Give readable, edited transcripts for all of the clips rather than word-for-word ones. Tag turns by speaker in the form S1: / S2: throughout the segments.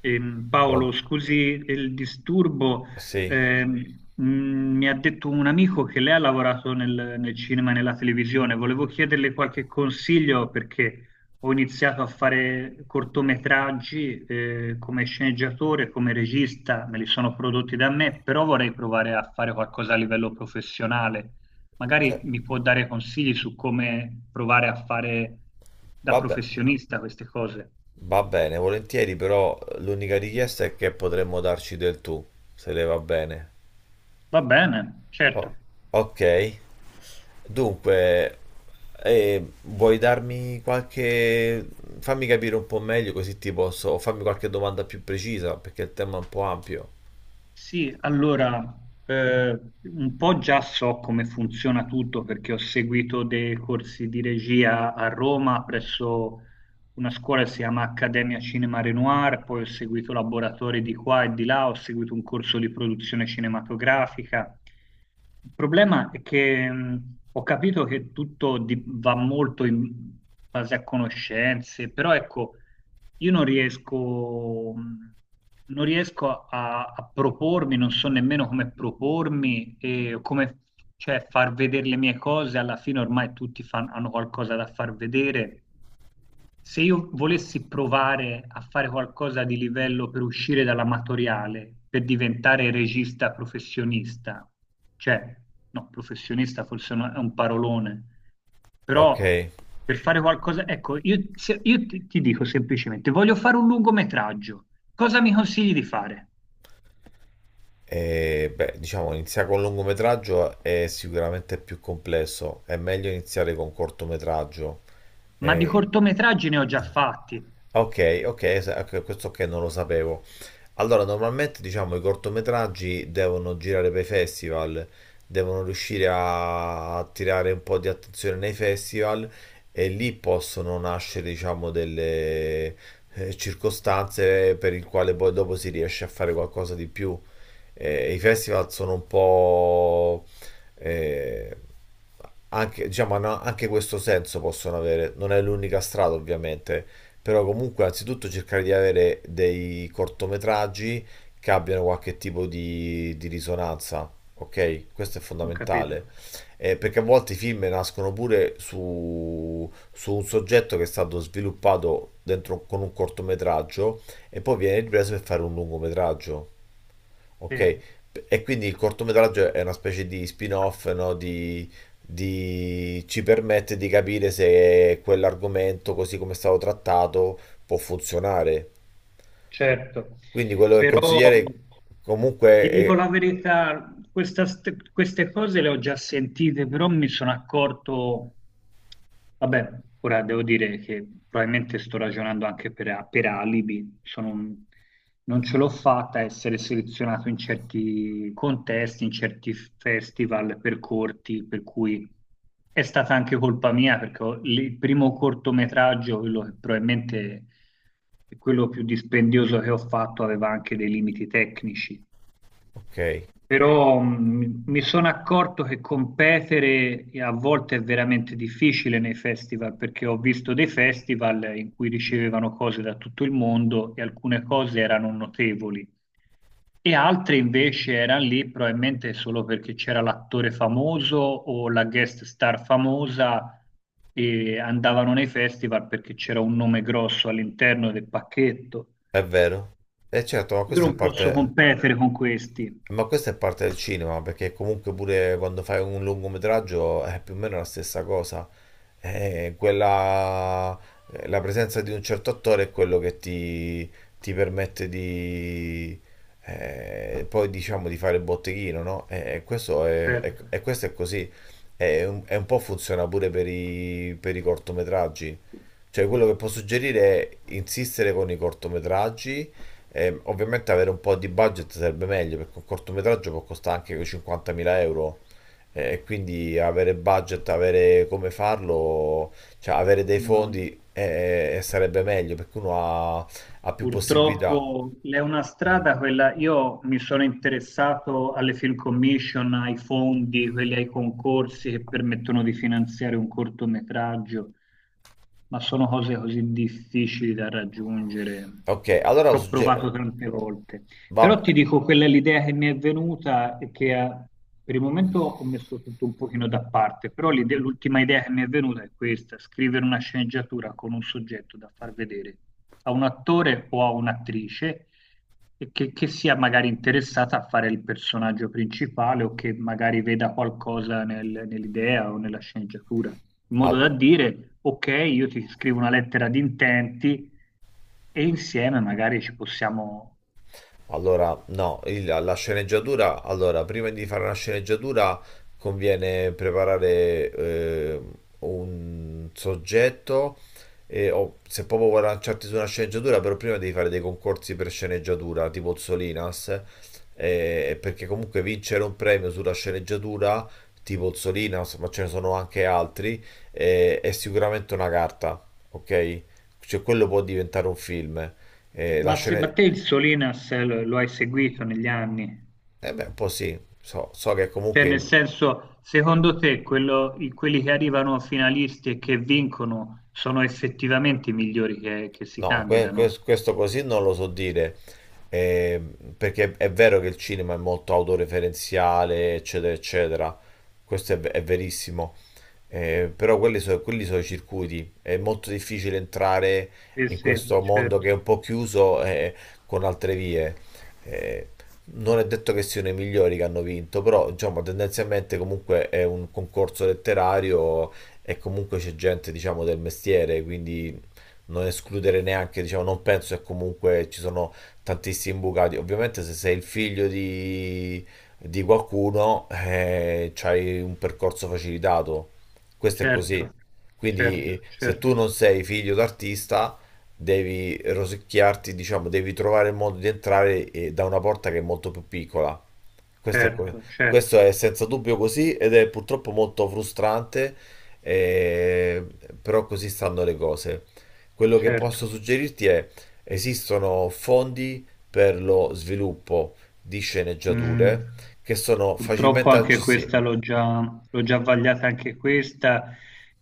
S1: Paolo,
S2: Pronto?
S1: scusi il disturbo,
S2: Sì.
S1: ehm, mi ha detto un amico che lei ha lavorato nel cinema e nella televisione. Volevo chiederle qualche consiglio perché ho iniziato a fare cortometraggi, come sceneggiatore, come regista, me li sono prodotti da me, però vorrei provare a fare qualcosa a livello professionale.
S2: Cioè,
S1: Magari mi può dare consigli su come provare a fare da
S2: vabbè,
S1: professionista queste cose.
S2: va bene, volentieri, però l'unica richiesta è che potremmo darci del tu, se le va bene.
S1: Va bene,
S2: O-
S1: certo.
S2: ok. Dunque, vuoi darmi qualche... fammi capire un po' meglio così ti posso... o fammi qualche domanda più precisa, perché il tema è un po' ampio.
S1: Sì, allora, un po' già so come funziona tutto perché ho seguito dei corsi di regia a Roma presso una scuola che si chiama Accademia Cinema Renoir, poi ho seguito laboratori di qua e di là, ho seguito un corso di produzione cinematografica. Il problema è che ho capito che va molto in base a conoscenze, però ecco, io non riesco, non riesco a propormi, non so nemmeno come propormi e come, cioè, far vedere le mie cose. Alla fine ormai hanno qualcosa da far vedere. Se io volessi provare a fare qualcosa di livello per uscire dall'amatoriale, per diventare regista professionista, cioè, no, professionista forse no- è un parolone,
S2: Ok.
S1: però per fare qualcosa, ecco, io, se- io ti dico semplicemente, voglio fare un lungometraggio. Cosa mi consigli di fare?
S2: E, beh, diciamo, iniziare con lungometraggio è sicuramente più complesso, è meglio iniziare con cortometraggio.
S1: Ma di
S2: E...
S1: cortometraggi ne ho già fatti.
S2: Ok, ok, ecco, questo che non lo sapevo. Allora, normalmente diciamo i cortometraggi devono girare per i festival, devono riuscire a attirare un po' di attenzione nei festival e lì possono nascere, diciamo, delle circostanze per il quale poi dopo si riesce a fare qualcosa di più. I festival sono un po' eh, anche, diciamo, hanno anche questo senso possono avere. Non è l'unica strada, ovviamente, però comunque anzitutto cercare di avere dei cortometraggi che abbiano qualche tipo di risonanza, ok? Questo è
S1: Ho capito.
S2: fondamentale. Perché a volte i film nascono pure su un soggetto che è stato sviluppato dentro, con un cortometraggio e poi viene ripreso per fare un lungometraggio.
S1: Sì,
S2: Ok, e quindi il cortometraggio è una specie di spin-off, no? Ci permette di capire se quell'argomento, così come è stato trattato, può funzionare.
S1: certo.
S2: Quindi quello che
S1: Però.
S2: consigliere comunque
S1: Ti dico
S2: è...
S1: la verità, queste cose le ho già sentite, però mi sono accorto, vabbè, ora devo dire che probabilmente sto ragionando anche per alibi, non ce l'ho fatta a essere selezionato in certi contesti, in certi festival per corti, per cui è stata anche colpa mia, il primo cortometraggio, quello che probabilmente è quello più dispendioso che ho fatto, aveva anche dei limiti tecnici.
S2: Ok,
S1: Però mi sono accorto che competere a volte è veramente difficile nei festival, perché ho visto dei festival in cui ricevevano cose da tutto il mondo e alcune cose erano notevoli e altre invece erano lì probabilmente solo perché c'era l'attore famoso o la guest star famosa e andavano nei festival perché c'era un nome grosso all'interno del pacchetto.
S2: è vero. E certo, ma
S1: Io
S2: questa è
S1: non posso
S2: parte...
S1: competere con questi,
S2: Ma questa è parte del cinema, perché comunque pure quando fai un lungometraggio è più o meno la stessa cosa. Eh, quella- la presenza di un certo attore è quello che ti permette di, poi diciamo di fare botteghino, no? E questo
S1: certo.
S2: e questo è così. E un po' funziona pure per i cortometraggi. Cioè, quello che posso suggerire è insistere con i cortometraggi. Ovviamente avere un po' di budget sarebbe meglio perché un cortometraggio può costare anche 50.000 euro. E quindi avere budget, avere come farlo, cioè avere dei
S1: No.
S2: fondi, sarebbe meglio perché uno ha, più possibilità.
S1: Purtroppo è una strada quella, io mi sono interessato alle film commission, ai fondi, quelli ai concorsi che permettono di finanziare un cortometraggio, ma sono cose così difficili da raggiungere.
S2: Ok, allora
S1: Ci ho provato tante volte. Però ti
S2: vabbè,
S1: dico, quella è l'idea che mi è venuta e che per il momento ho messo tutto un pochino da parte, però l'ultima idea che mi è venuta è questa: scrivere una sceneggiatura con un soggetto da far vedere a un attore o a un'attrice e che sia magari interessata a fare il personaggio principale o che magari veda qualcosa nell'idea o nella sceneggiatura, in modo
S2: al-
S1: da dire, ok, io ti scrivo una lettera di intenti e insieme magari ci possiamo...
S2: allora, no, la sceneggiatura, allora, prima di fare una sceneggiatura conviene preparare un soggetto e, o, se proprio vuoi lanciarti su una sceneggiatura, però prima devi fare dei concorsi per sceneggiatura, tipo Zolinas, perché comunque vincere un premio sulla sceneggiatura, tipo Zolinas, ma ce ne sono anche altri, è sicuramente una carta, ok? Cioè quello può diventare un film. Eh, la
S1: Ma, se,
S2: scena-
S1: ma te il Solinas lo hai seguito negli anni?
S2: Eh beh, un po' sì, so che
S1: Cioè,
S2: comunque
S1: nel senso, secondo te quelli che arrivano finalisti e che vincono sono effettivamente i migliori che si
S2: no,
S1: candidano?
S2: questo così non lo so dire, eh, perché è vero che il cinema è molto autoreferenziale, eccetera, eccetera, questo è, è verissimo. Però quelli, quelli sono i circuiti, è molto difficile entrare
S1: Sì,
S2: in
S1: sì,
S2: questo mondo
S1: certo,
S2: che è un po' chiuso, con altre vie. Eh, Non è detto che siano i migliori che hanno vinto, però diciamo, tendenzialmente comunque è un concorso letterario e comunque c'è gente, diciamo, del mestiere, quindi non escludere neanche, diciamo, non penso che comunque ci sono tantissimi imbucati. Ovviamente se sei il figlio di qualcuno, c'hai un percorso facilitato. Questo è così.
S1: certo,
S2: Quindi,
S1: certo,
S2: se
S1: certo,
S2: tu non sei figlio d'artista, devi rosicchiarti, diciamo, devi trovare il modo di entrare, da una porta che è molto più piccola. Questo è,
S1: certo, certo,
S2: questo è senza dubbio così ed è purtroppo molto frustrante, eh, però così stanno le cose. Quello che
S1: certo.
S2: posso suggerirti è, esistono fondi per lo sviluppo di
S1: Mm,
S2: sceneggiature che sono
S1: purtroppo
S2: facilmente
S1: anche
S2: accessibili.
S1: questa l'ho già vagliata anche questa.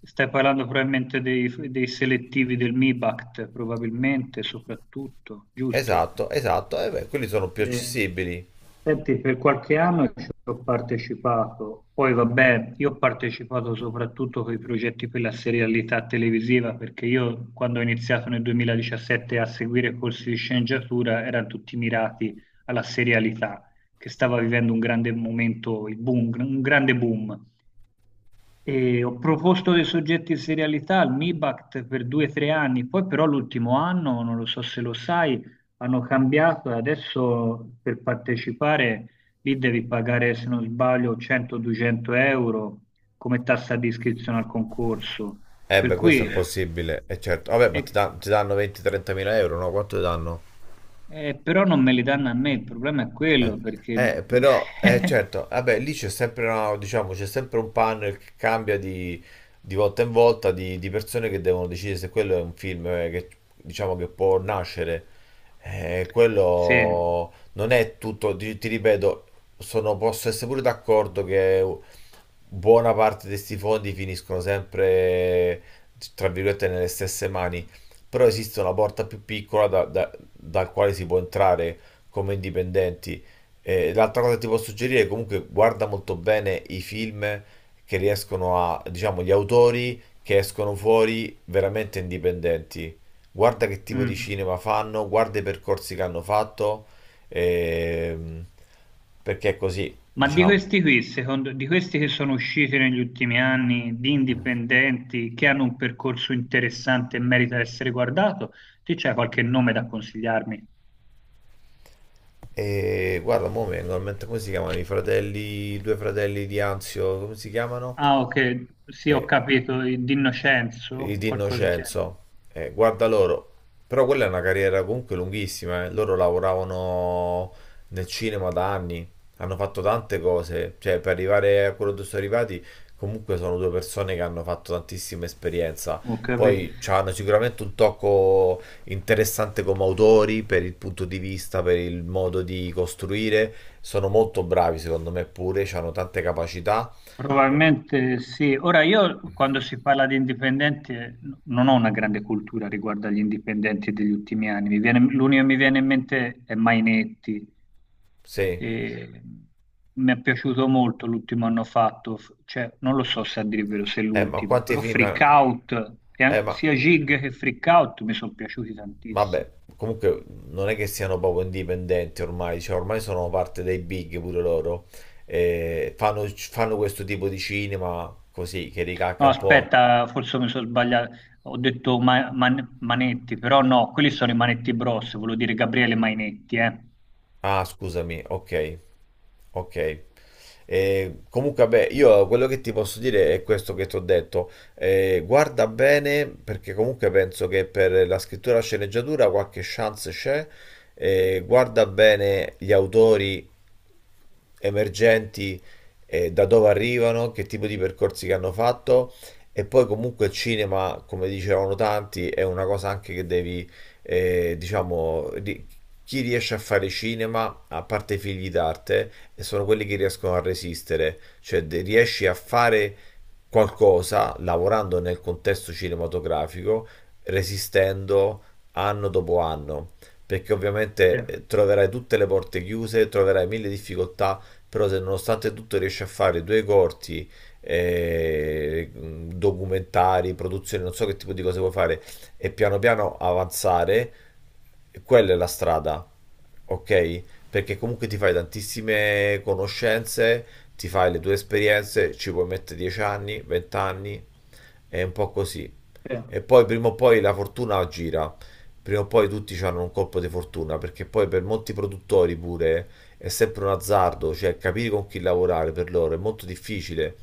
S1: Stai parlando probabilmente dei selettivi del MIBACT, probabilmente, soprattutto, giusto?
S2: Esatto, esatto. E beh, quelli sono più
S1: Eh,
S2: accessibili.
S1: Senti, per qualche anno ci ho partecipato, poi vabbè, io ho partecipato soprattutto con i progetti per la serialità televisiva, perché io quando ho iniziato nel 2017 a seguire corsi di sceneggiatura erano tutti mirati alla serialità, che stava vivendo un grande momento, il boom, un grande boom. E ho proposto dei soggetti in serialità al MIBACT per 2 o 3 anni, poi però l'ultimo anno, non lo so se lo sai, hanno cambiato e adesso per partecipare lì devi pagare, se non sbaglio, 100-200 euro come tassa di iscrizione al concorso.
S2: Eh
S1: Per
S2: beh, questo è
S1: cui,
S2: possibile, è certo. Vabbè,
S1: Eh,
S2: ma ti,
S1: e-
S2: dan- ti danno 20-30 mila euro, no? Quanto ti danno?
S1: però non me li danno a me, il problema è
S2: Eh,
S1: quello perché...
S2: Però, certo, vabbè, lì c'è sempre, diciamo, c'è sempre un panel che cambia di volta in volta di persone che devono decidere se quello è un film, che, diciamo, che può nascere.
S1: Sì.
S2: Quello non è tutto, ti ripeto, posso essere pure d'accordo che buona parte di questi fondi finiscono sempre, tra virgolette, nelle stesse mani, però esiste una porta più piccola dal quale si può entrare come indipendenti. L'altra cosa che ti posso suggerire è comunque guarda molto bene i film che riescono a, diciamo, gli autori che escono fuori veramente indipendenti. Guarda che tipo di
S1: Mm.
S2: cinema fanno, guarda i percorsi che hanno fatto, ehm, perché è così,
S1: Ma di
S2: diciamo.
S1: questi qui, secondo, di questi che sono usciti negli ultimi anni, di indipendenti, che hanno un percorso interessante e merita di essere guardato, ti c'è qualche nome da consigliarmi?
S2: E guarda, mo' mi vengono in mente come si chiamano i fratelli, i due fratelli di Anzio, come si chiamano?
S1: Ah, ok, sì, ho
S2: E
S1: capito, di Innocenzo,
S2: Di
S1: qualcosa del genere.
S2: Innocenzo. Guarda loro, però quella è una carriera comunque lunghissima, eh. Loro lavoravano nel cinema da anni, hanno fatto tante cose, cioè per arrivare a quello dove sono arrivati, comunque sono due persone che hanno fatto tantissima esperienza.
S1: Ho capito.
S2: Poi hanno sicuramente un tocco interessante come autori, per il punto di vista, per il modo di costruire. Sono molto bravi, secondo me, pure, hanno tante capacità. Eh,
S1: Probabilmente sì. Ora io quando si parla di indipendenti non ho una grande cultura riguardo agli indipendenti degli ultimi anni. L'unico che mi viene in mente è Mainetti.
S2: Sì.
S1: E mi è piaciuto molto l'ultimo hanno fatto, cioè, non lo so se a dire il vero se è
S2: Ma
S1: l'ultimo,
S2: quanti
S1: però
S2: film...
S1: Freak Out, e
S2: Ma
S1: sia Jig che Freak Out mi sono piaciuti tantissimo.
S2: vabbè, comunque non è che siano proprio indipendenti ormai, cioè ormai sono parte dei big pure loro. Fanno questo tipo di cinema così, che ricacca
S1: No,
S2: un po'.
S1: aspetta, forse mi sono sbagliato, ho detto Manetti, però no, quelli sono i Manetti Bros, volevo dire Gabriele Mainetti, eh.
S2: Ah, scusami, ok, ok. Comunque, vabbè, io quello che ti posso dire è questo che ti ho detto. Guarda bene, perché comunque penso che per la scrittura e la sceneggiatura qualche chance c'è. Guarda bene gli autori emergenti, da dove arrivano, che tipo di percorsi che hanno fatto, e poi comunque il cinema, come dicevano tanti, è una cosa anche che devi, diciamo, chi riesce a fare cinema, a parte i figli d'arte, e sono quelli che riescono a resistere, cioè riesci a fare qualcosa lavorando nel contesto cinematografico, resistendo anno dopo anno, perché
S1: Sì,
S2: ovviamente, troverai tutte le porte chiuse, troverai mille difficoltà, però se nonostante tutto riesce a fare due corti, documentari, produzioni, non so che tipo di cose vuoi fare, e piano piano avanzare, quella è la strada, ok? Perché comunque ti fai tantissime conoscenze, ti fai le tue esperienze, ci puoi mettere 10 anni, 20 anni, è un po' così.
S1: sì,
S2: E poi prima o poi la fortuna gira, prima o poi tutti hanno un colpo di fortuna, perché poi per molti produttori pure è sempre un azzardo, cioè capire con chi lavorare per loro è molto difficile,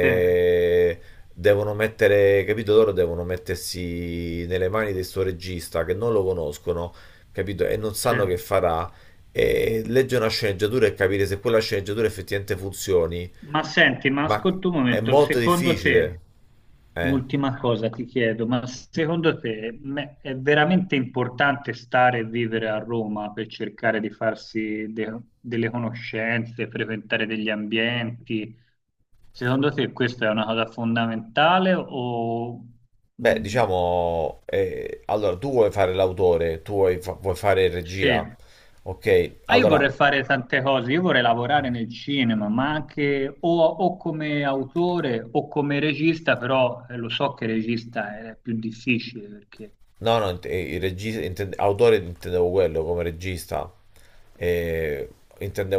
S1: sì,
S2: devono mettere, capito, loro devono mettersi nelle mani di sto regista che non lo conoscono, capito, e non
S1: sì.
S2: sanno che farà, e leggere una sceneggiatura e capire se quella sceneggiatura effettivamente funzioni,
S1: Ma senti, ma
S2: ma
S1: ascolta un
S2: è
S1: momento,
S2: molto
S1: secondo te...
S2: difficile, eh.
S1: Un'ultima cosa ti chiedo, ma secondo te è veramente importante stare e vivere a Roma per cercare di farsi delle conoscenze, frequentare degli ambienti? Secondo te questa è una cosa fondamentale o
S2: Beh,
S1: mh,
S2: diciamo, allora tu vuoi fare l'autore, tu vuoi fare
S1: sì?
S2: regia, ok?
S1: Ma io
S2: Allora,
S1: vorrei fare tante cose, io vorrei lavorare nel cinema, ma anche o come autore o come regista, però lo so che regista è più difficile perché...
S2: no, no, il regista, autore intendevo quello come regista. Eh,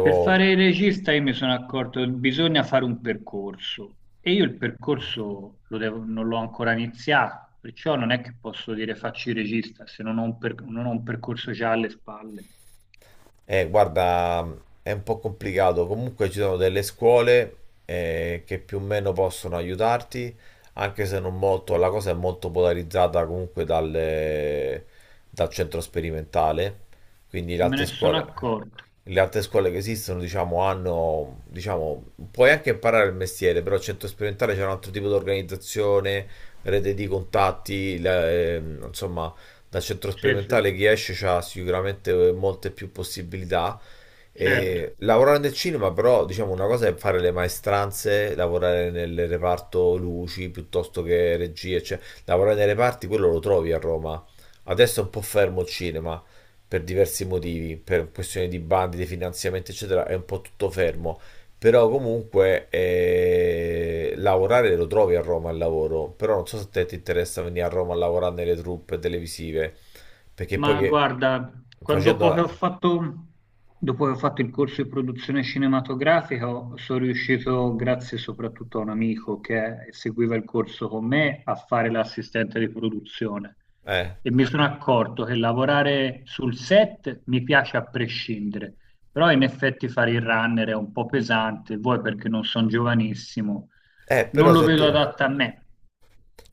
S1: Per fare il regista io mi sono accorto che bisogna fare un percorso e io il percorso lo non l'ho ancora iniziato, perciò non è che posso dire faccio il regista se non ho un, non ho un percorso già alle spalle.
S2: guarda, è un po' complicato, comunque ci sono delle scuole, che più o meno possono aiutarti, anche se non molto, la cosa è molto polarizzata comunque dal centro sperimentale, quindi
S1: Me ne sono accorto.
S2: le altre scuole che esistono, diciamo, hanno, diciamo, puoi anche imparare il mestiere, però al centro sperimentale c'è un altro tipo di organizzazione, rete di contatti, insomma, dal centro
S1: Sì, sì, sì,
S2: sperimentale chi esce ha sicuramente molte più possibilità.
S1: certo.
S2: E lavorare nel cinema, però, diciamo, una cosa è fare le maestranze, lavorare nel reparto luci piuttosto che regie, cioè, lavorare nei reparti, quello lo trovi a Roma. Adesso è un po' fermo il cinema, per diversi motivi, per questioni di bandi, di finanziamenti, eccetera, è un po' tutto fermo. Però comunque, lavorare lo trovi a Roma al lavoro, però non so se a te ti interessa venire a Roma a lavorare nelle truppe televisive, perché poi
S1: Ma
S2: che
S1: guarda, quando- dopo che
S2: facendo...
S1: ho fatto, dopo che ho fatto il corso di produzione cinematografica, sono riuscito, grazie soprattutto a un amico che seguiva il corso con me, a fare l'assistente di produzione.
S2: Eh,
S1: E mi sono accorto che lavorare sul set mi piace a prescindere, però in effetti fare il runner è un po' pesante, vuoi perché non sono giovanissimo, non
S2: però
S1: lo
S2: se
S1: vedo
S2: tu...
S1: adatto a me.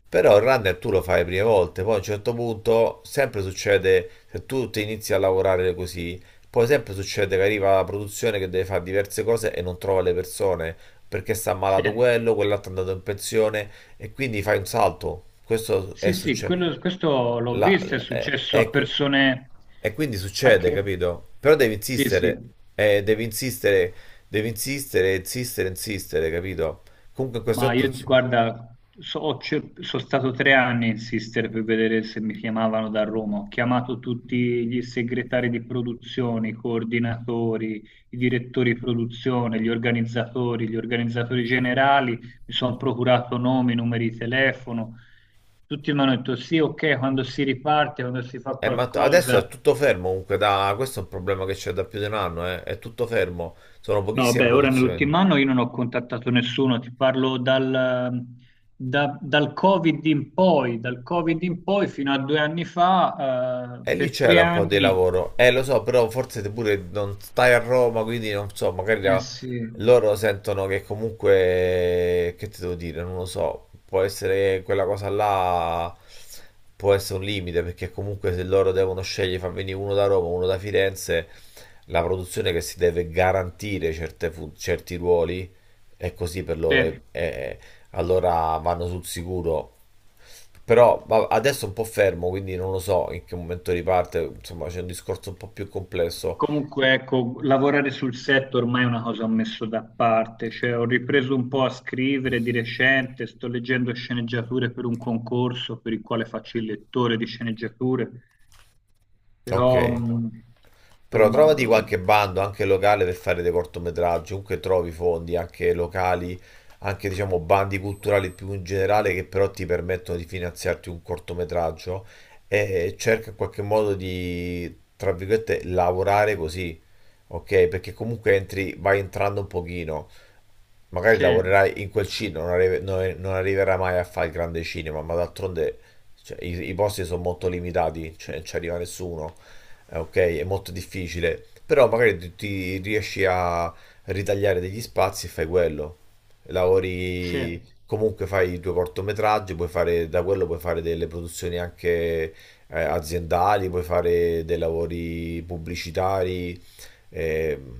S2: Però il runner tu lo fai le prime volte, poi a un certo punto sempre succede, se tu ti inizi a lavorare così, poi sempre succede che arriva la produzione che deve fare diverse cose e non trova le persone, perché sta
S1: Sì.
S2: malato quello, quell'altro è andato in pensione e quindi fai un salto. Questo è
S1: Sì, sì,
S2: successo.
S1: questo l'ho visto, è successo a persone
S2: E quindi
S1: a
S2: succede,
S1: che...
S2: capito? Però devi
S1: Sì, sì,
S2: insistere, devi insistere, devi insistere, insistere, insistere, capito? Comunque in questo
S1: ma
S2: momento...
S1: io guarda, sono stato 3 anni a insistere per vedere se mi chiamavano da Roma, ho chiamato tutti gli segretari di produzione, i coordinatori, i direttori di produzione, gli organizzatori generali, mi sono procurato nomi, numeri di telefono, tutti mi hanno detto sì, ok, quando si riparte, quando si fa
S2: Ma adesso è
S1: qualcosa...
S2: tutto fermo comunque, questo è un problema che c'è da più di un anno, eh. È tutto fermo, sono
S1: No,
S2: pochissime
S1: beh, ora
S2: produzioni.
S1: nell'ultimo anno io non ho contattato nessuno, ti parlo dal, dal Covid in poi, dal Covid in poi fino a 2 anni fa,
S2: E lì
S1: per tre
S2: c'era un po' di
S1: anni,
S2: lavoro, eh, lo so, però forse te pure non stai a Roma, quindi non so, magari
S1: eh sì,
S2: loro sentono che comunque, che ti devo dire, non lo so, può essere quella cosa là, può essere un limite, perché comunque se loro devono scegliere, far venire uno da Roma, uno da Firenze, la produzione che si deve garantire certe certi ruoli è così per
S1: sì.
S2: loro, allora vanno sul sicuro. Però adesso è un po' fermo, quindi non lo so in che momento riparte, insomma c'è un discorso un po' più complesso.
S1: Comunque ecco, lavorare sul set ormai è una cosa che ho messo da parte, cioè ho ripreso un po' a scrivere di recente, sto leggendo sceneggiature per un concorso per il quale faccio il lettore di sceneggiature,
S2: Ok.
S1: però
S2: Però
S1: insomma,
S2: trovati qualche bando anche locale per fare dei cortometraggi, comunque trovi fondi anche locali, anche diciamo bandi culturali più in generale che però ti permettono di finanziarti un cortometraggio, e cerca in qualche modo di, tra virgolette, lavorare così, ok? Perché comunque entri, vai entrando un pochino, magari
S1: sì.
S2: lavorerà in quel cinema, non arriverà mai a fare il grande cinema, ma d'altronde, cioè, i posti sono molto limitati, cioè non ci arriva nessuno, ok? È molto difficile, però magari ti riesci a ritagliare degli spazi e fai quello.
S1: Sì,
S2: Lavori, comunque fai i tuoi cortometraggi, puoi fare, da quello puoi fare delle produzioni anche, aziendali, puoi fare dei lavori pubblicitari. ehm,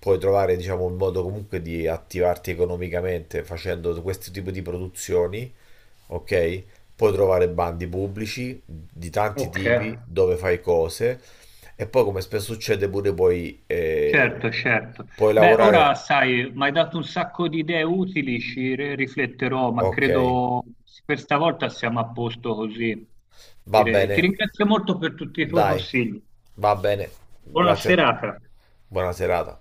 S2: Puoi trovare, diciamo, un modo comunque di attivarti economicamente facendo questo tipo di produzioni, ok? Puoi trovare bandi pubblici di tanti
S1: ok,
S2: tipi dove fai cose e poi, come spesso succede, pure
S1: certo, certo.
S2: puoi
S1: Beh, ora
S2: lavorare.
S1: sai, mi hai dato un sacco di idee utili, rifletterò, ma
S2: Ok,
S1: credo per stavolta siamo a posto così,
S2: va
S1: direi. Ti
S2: bene,
S1: ringrazio molto per tutti i tuoi
S2: dai,
S1: consigli.
S2: va bene.
S1: Buona
S2: Grazie a te.
S1: serata.
S2: Buona serata.